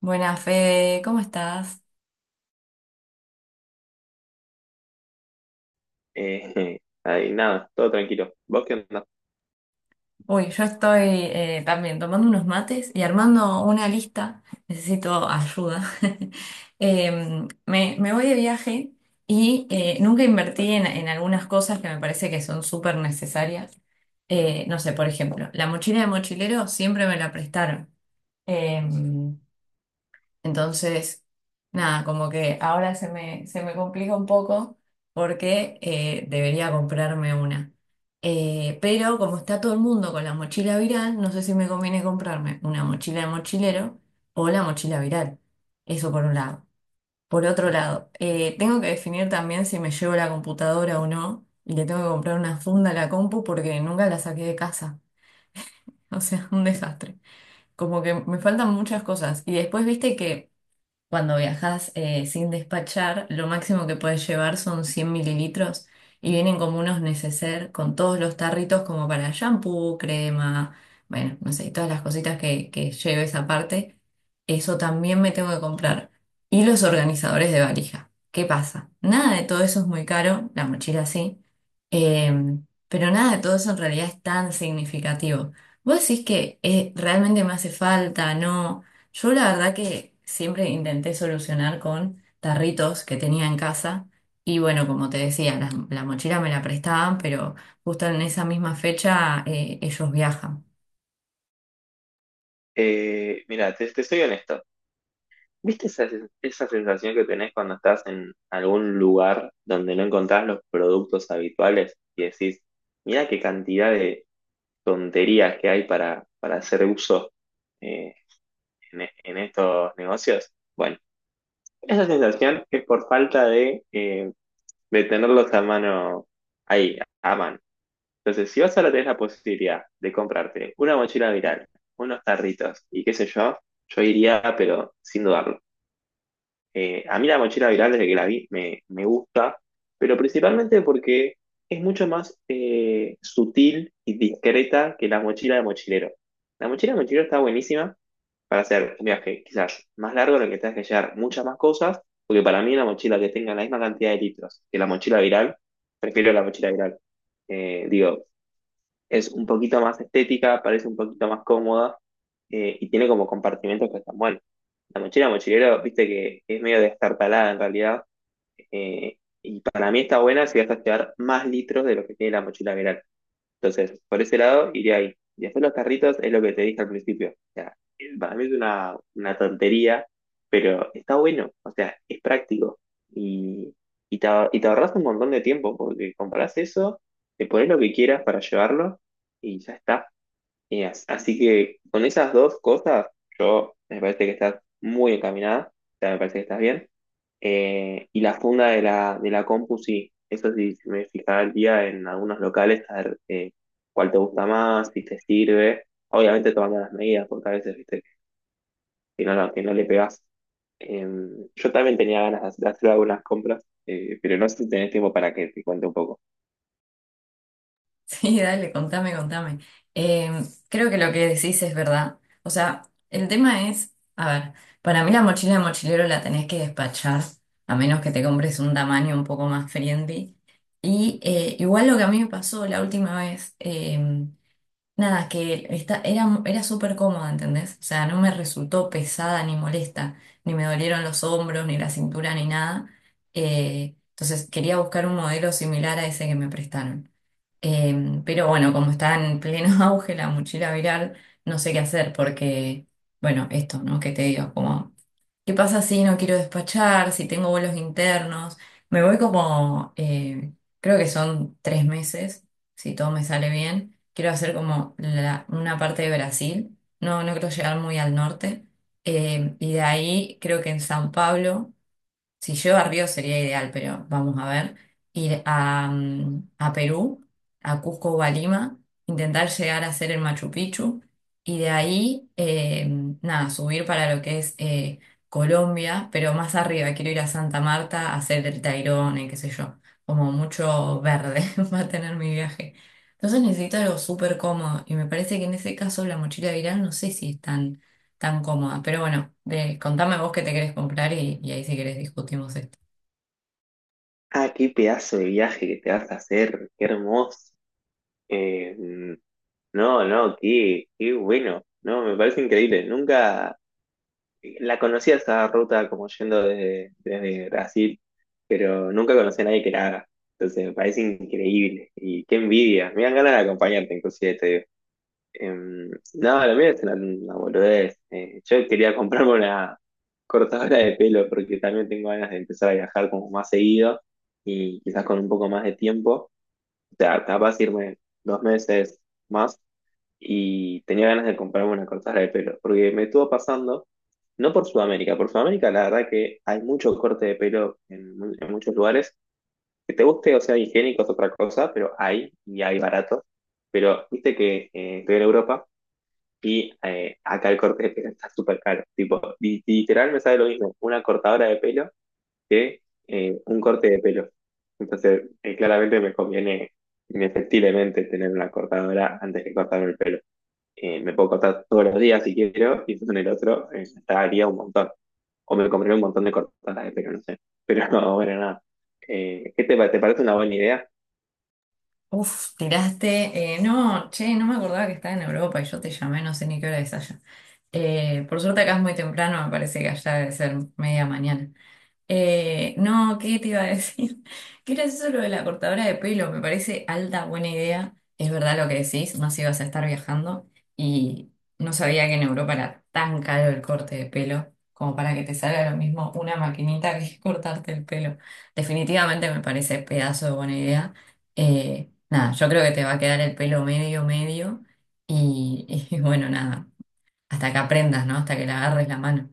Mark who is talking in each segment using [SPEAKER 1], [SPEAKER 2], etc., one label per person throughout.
[SPEAKER 1] Buenas, Fede, ¿cómo estás?
[SPEAKER 2] Ahí nada, todo tranquilo. ¿Vos qué onda?
[SPEAKER 1] Uy, yo estoy también tomando unos mates y armando una lista. Necesito ayuda. Me voy de viaje y nunca invertí en algunas cosas que me parece que son súper necesarias. No sé, por ejemplo, la mochila de mochilero siempre me la prestaron. Em, Entonces, nada, como que ahora se me complica un poco porque debería comprarme una. Pero como está todo el mundo con la mochila viral, no sé si me conviene comprarme una mochila de mochilero o la mochila viral. Eso por un lado. Por otro lado, tengo que definir también si me llevo la computadora o no, y le tengo que comprar una funda a la compu porque nunca la saqué de casa. O sea, un desastre. Como que me faltan muchas cosas. Y después viste que… Cuando viajas sin despachar, lo máximo que puedes llevar son 100 mililitros, y vienen como unos neceser con todos los tarritos como para shampoo, crema, bueno, no sé, todas las cositas que lleves aparte. Eso también me tengo que comprar. Y los organizadores de valija. ¿Qué pasa? Nada de todo eso es muy caro, la mochila sí, pero nada de todo eso en realidad es tan significativo. Vos decís que realmente me hace falta, ¿no? Yo la verdad que siempre intenté solucionar con tarritos que tenía en casa y bueno, como te decía, la mochila me la prestaban, pero justo en esa misma fecha ellos viajan.
[SPEAKER 2] Mira, te soy honesto. ¿Viste esa, esa sensación que tenés cuando estás en algún lugar donde no encontrás los productos habituales y decís, mira qué cantidad de tonterías que hay para hacer uso eh, en estos negocios? Bueno, esa sensación es por falta de de tenerlos a mano ahí, a mano. Entonces, si vos ahora tenés la posibilidad de comprarte una mochila viral, unos tarritos y qué sé yo, yo iría, pero sin dudarlo. A mí la mochila viral desde que la vi me gusta, pero principalmente porque es mucho más sutil y discreta que la mochila de mochilero. La mochila de mochilero está buenísima para hacer un viaje quizás más largo en el que tengas que llevar muchas más cosas, porque para mí una mochila que tenga la misma cantidad de litros que la mochila viral, prefiero la mochila viral. Digo, es un poquito más estética, parece un poquito más cómoda y tiene como compartimentos que están buenos. La mochila mochilero, viste que es medio destartalada en realidad y para mí está buena si vas a llevar más litros de lo que tiene la mochila viral. Entonces, por ese lado, iría ahí. Y después los carritos es lo que te dije al principio. O sea, para mí es una tontería, pero está bueno. O sea, es práctico. Y, y te ahorras un montón de tiempo porque compras eso, te pones lo que quieras para llevarlo y ya está. Y así que con esas dos cosas, yo me parece que estás muy encaminada, o sea, me parece que estás bien. Y la funda de de la compu, sí, eso sí, si me fijaría en algunos locales a ver cuál te gusta más, si te sirve. Obviamente tomando las medidas, porque a veces, viste, que no, que no le pegas. Yo también tenía ganas de hacer algunas compras, pero no sé si tenés tiempo para que te cuente un poco.
[SPEAKER 1] Sí, dale, contame, contame. Eh, Creo que lo que decís es verdad. O sea, el tema es, a ver, para mí la mochila de mochilero la tenés que despachar, a menos que te compres un tamaño un poco más friendly. Y igual lo que a mí me pasó la última vez. Nada, que era súper cómoda, ¿entendés? O sea, no me resultó pesada ni molesta, ni me dolieron los hombros, ni la cintura, ni nada. Entonces quería buscar un modelo similar a ese que me prestaron. Pero bueno, como está en pleno auge la mochila viral, no sé qué hacer porque, bueno, esto, ¿no? ¿Qué te digo? ¿Qué pasa si no quiero despachar? Si tengo vuelos internos. Me voy como, creo que son 3 meses, si todo me sale bien. Quiero hacer como una parte de Brasil. No, no quiero llegar muy al norte. Y de ahí creo que en San Pablo. Si llueve a Río sería ideal, pero vamos a ver. Ir a a Perú, a Cusco o a Lima, intentar llegar a hacer el Machu Picchu, y de ahí, nada, subir para lo que es Colombia, pero más arriba. Quiero ir a Santa Marta a hacer el Tayrona, y qué sé yo. Como mucho verde va a tener mi viaje. Entonces necesito algo súper cómodo y me parece que en ese caso la mochila viral no sé si están tan cómoda. Pero bueno, contame vos qué te querés comprar y ahí si querés discutimos esto.
[SPEAKER 2] Ah, qué pedazo de viaje que te vas a hacer, qué hermoso. Em, No, no, qué, qué bueno. No, me parece increíble. Nunca la conocía esa ruta como yendo desde Brasil, pero nunca conocí a nadie que la haga. Entonces me parece increíble. Y qué envidia. Me dan ganas de acompañarte, inclusive te digo. No, lo mío es una boludez. Yo quería comprarme una cortadora de pelo porque también tengo ganas de empezar a viajar como más seguido y quizás con un poco más de tiempo. O sea, capaz irme 2 meses más y tenía ganas de comprarme una cortada de pelo, porque me estuvo pasando, no por Sudamérica, por Sudamérica la verdad que hay mucho corte de pelo en, en muchos lugares, que te guste o sea higiénico es otra cosa, pero hay y hay barato, pero viste que estoy en Europa y acá el corte de pelo está súper caro, tipo, literal me sale lo mismo una cortadora de pelo que un corte de pelo, entonces claramente me conviene inefectiblemente tener una cortadora antes que cortarme el pelo me puedo cortar todos los días si quiero, y en el otro gastaría un montón. O me compraría un montón de cortadas de pelo, no sé. Pero no, bueno, nada. ¿Qué te, te parece una buena idea?
[SPEAKER 1] Uf, tiraste, no, che, no me acordaba que estaba en Europa y yo te llamé, no sé ni qué hora es allá. Por suerte acá es muy temprano, me parece que allá debe ser media mañana. No, ¿qué te iba a decir? Que era eso lo de la cortadora de pelo, me parece alta buena idea. Es verdad lo que decís, más ibas a estar viajando, y no sabía que en Europa era tan caro el corte de pelo como para que te salga lo mismo una maquinita que cortarte el pelo. Definitivamente me parece pedazo de buena idea. Nada, yo creo que te va a quedar el pelo medio, medio, y bueno, nada, hasta que aprendas, ¿no? Hasta que le agarres la mano.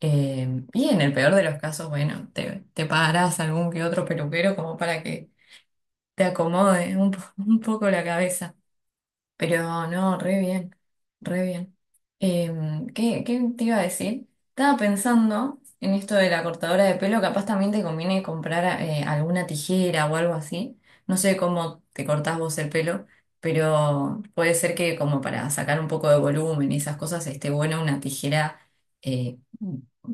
[SPEAKER 1] Y en el peor de los casos, bueno, te pagarás algún que otro peluquero como para que te acomode un poco la cabeza. Pero no, re bien, re bien. ¿Qué te iba a decir? Estaba pensando en esto de la cortadora de pelo, capaz también te conviene comprar alguna tijera o algo así. No sé cómo te cortás vos el pelo, pero puede ser que como para sacar un poco de volumen y esas cosas esté buena una tijera, eh,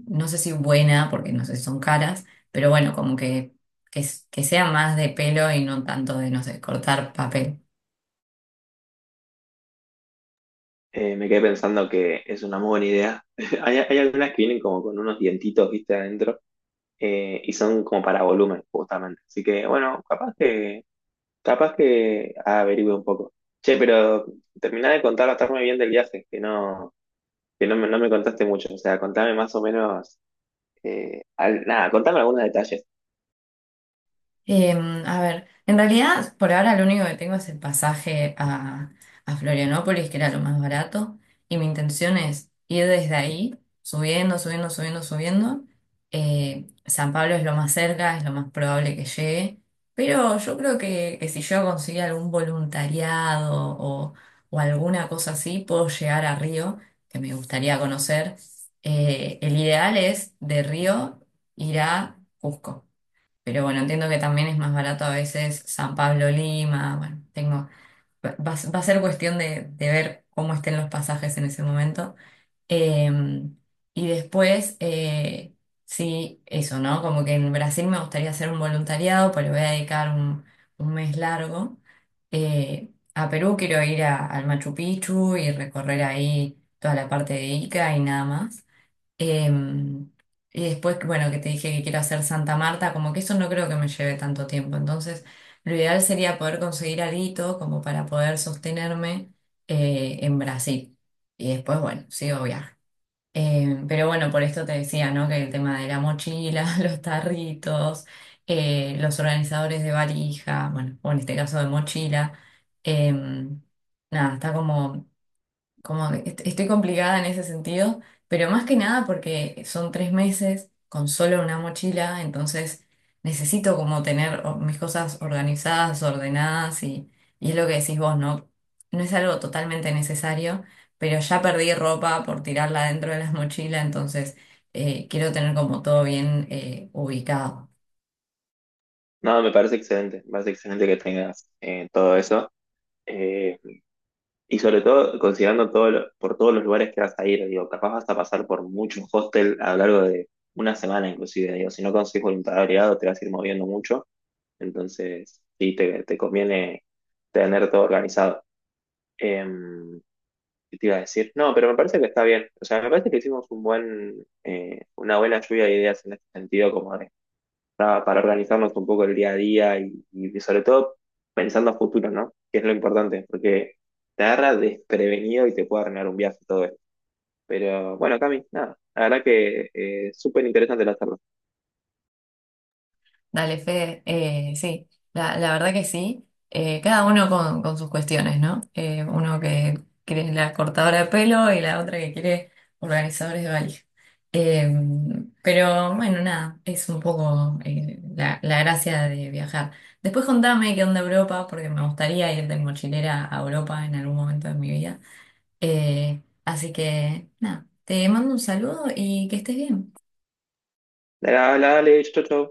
[SPEAKER 1] no sé si buena, porque no sé si son caras, pero bueno, como que, que sea más de pelo y no tanto de, no sé, cortar papel.
[SPEAKER 2] Me quedé pensando que es una muy buena idea. Hay algunas que vienen como con unos dientitos, viste, adentro, y son como para volumen, justamente. Así que, bueno, capaz que averigüe un poco. Che, pero terminá de contarme bien del viaje, que no no me contaste mucho. O sea, contame más o menos. Nada, contame algunos detalles.
[SPEAKER 1] A ver, en realidad por ahora lo único que tengo es el pasaje a, Florianópolis, que era lo más barato, y mi intención es ir desde ahí, subiendo, subiendo, subiendo, subiendo. San Pablo es lo más cerca, es lo más probable que llegue, pero yo creo que si yo consigo algún voluntariado o alguna cosa así, puedo llegar a Río, que me gustaría conocer. El ideal es de Río ir a Cusco. Pero bueno, entiendo que también es más barato a veces San Pablo Lima. Bueno, tengo, va, va a va a ser cuestión de ver cómo estén los pasajes en ese momento. Eh, y después, sí, eso, ¿no? Como que en Brasil me gustaría hacer un voluntariado, pues le voy a dedicar un mes largo. A Perú quiero ir al Machu Picchu y recorrer ahí toda la parte de Ica y nada más. Em, y después, bueno, que te dije que quiero hacer Santa Marta, como que eso no creo que me lleve tanto tiempo. Entonces, lo ideal sería poder conseguir alguito como para poder sostenerme en Brasil. Y después, bueno, sigo viaje. Pero bueno, por esto te decía, ¿no? Que el tema de la mochila, los tarritos, los organizadores de valija, bueno, o en este caso de mochila, em, nada, está como estoy complicada en ese sentido, pero más que nada porque son 3 meses con solo una mochila, entonces necesito como tener mis cosas organizadas, ordenadas, y es lo que decís vos, ¿no? No es algo totalmente necesario, pero ya perdí ropa por tirarla dentro de las mochilas, entonces quiero tener como todo bien ubicado.
[SPEAKER 2] No, me parece excelente que tengas todo eso. Eh, y sobre todo, considerando todo por todos los lugares que vas a ir, digo, capaz vas a pasar por muchos hostels a lo largo de una semana inclusive, digo, si no consigues voluntariado te vas a ir moviendo mucho, entonces sí, te conviene tener todo organizado. Em, ¿Qué te iba a decir? No, pero me parece que está bien, o sea, me parece que hicimos un buen, una buena lluvia de ideas en este sentido, como de para organizarnos un poco el día a día y sobre todo pensando a futuro, ¿no? Que es lo importante, porque te agarra desprevenido y te puede arruinar un viaje y todo eso. Pero bueno, Cami, nada, la verdad que súper interesante la charla.
[SPEAKER 1] Dale, Fede, sí, la verdad que sí. Cada uno con sus cuestiones, ¿no? Uno que quiere la cortadora de pelo y la otra que quiere organizadores de valija. Eh, pero bueno, nada, es un poco la gracia de viajar. Después contame qué onda Europa, porque me gustaría ir de mochilera a Europa en algún momento de mi vida. Así que nada, te mando un saludo y que estés bien.
[SPEAKER 2] Dale, dale, chau, chau.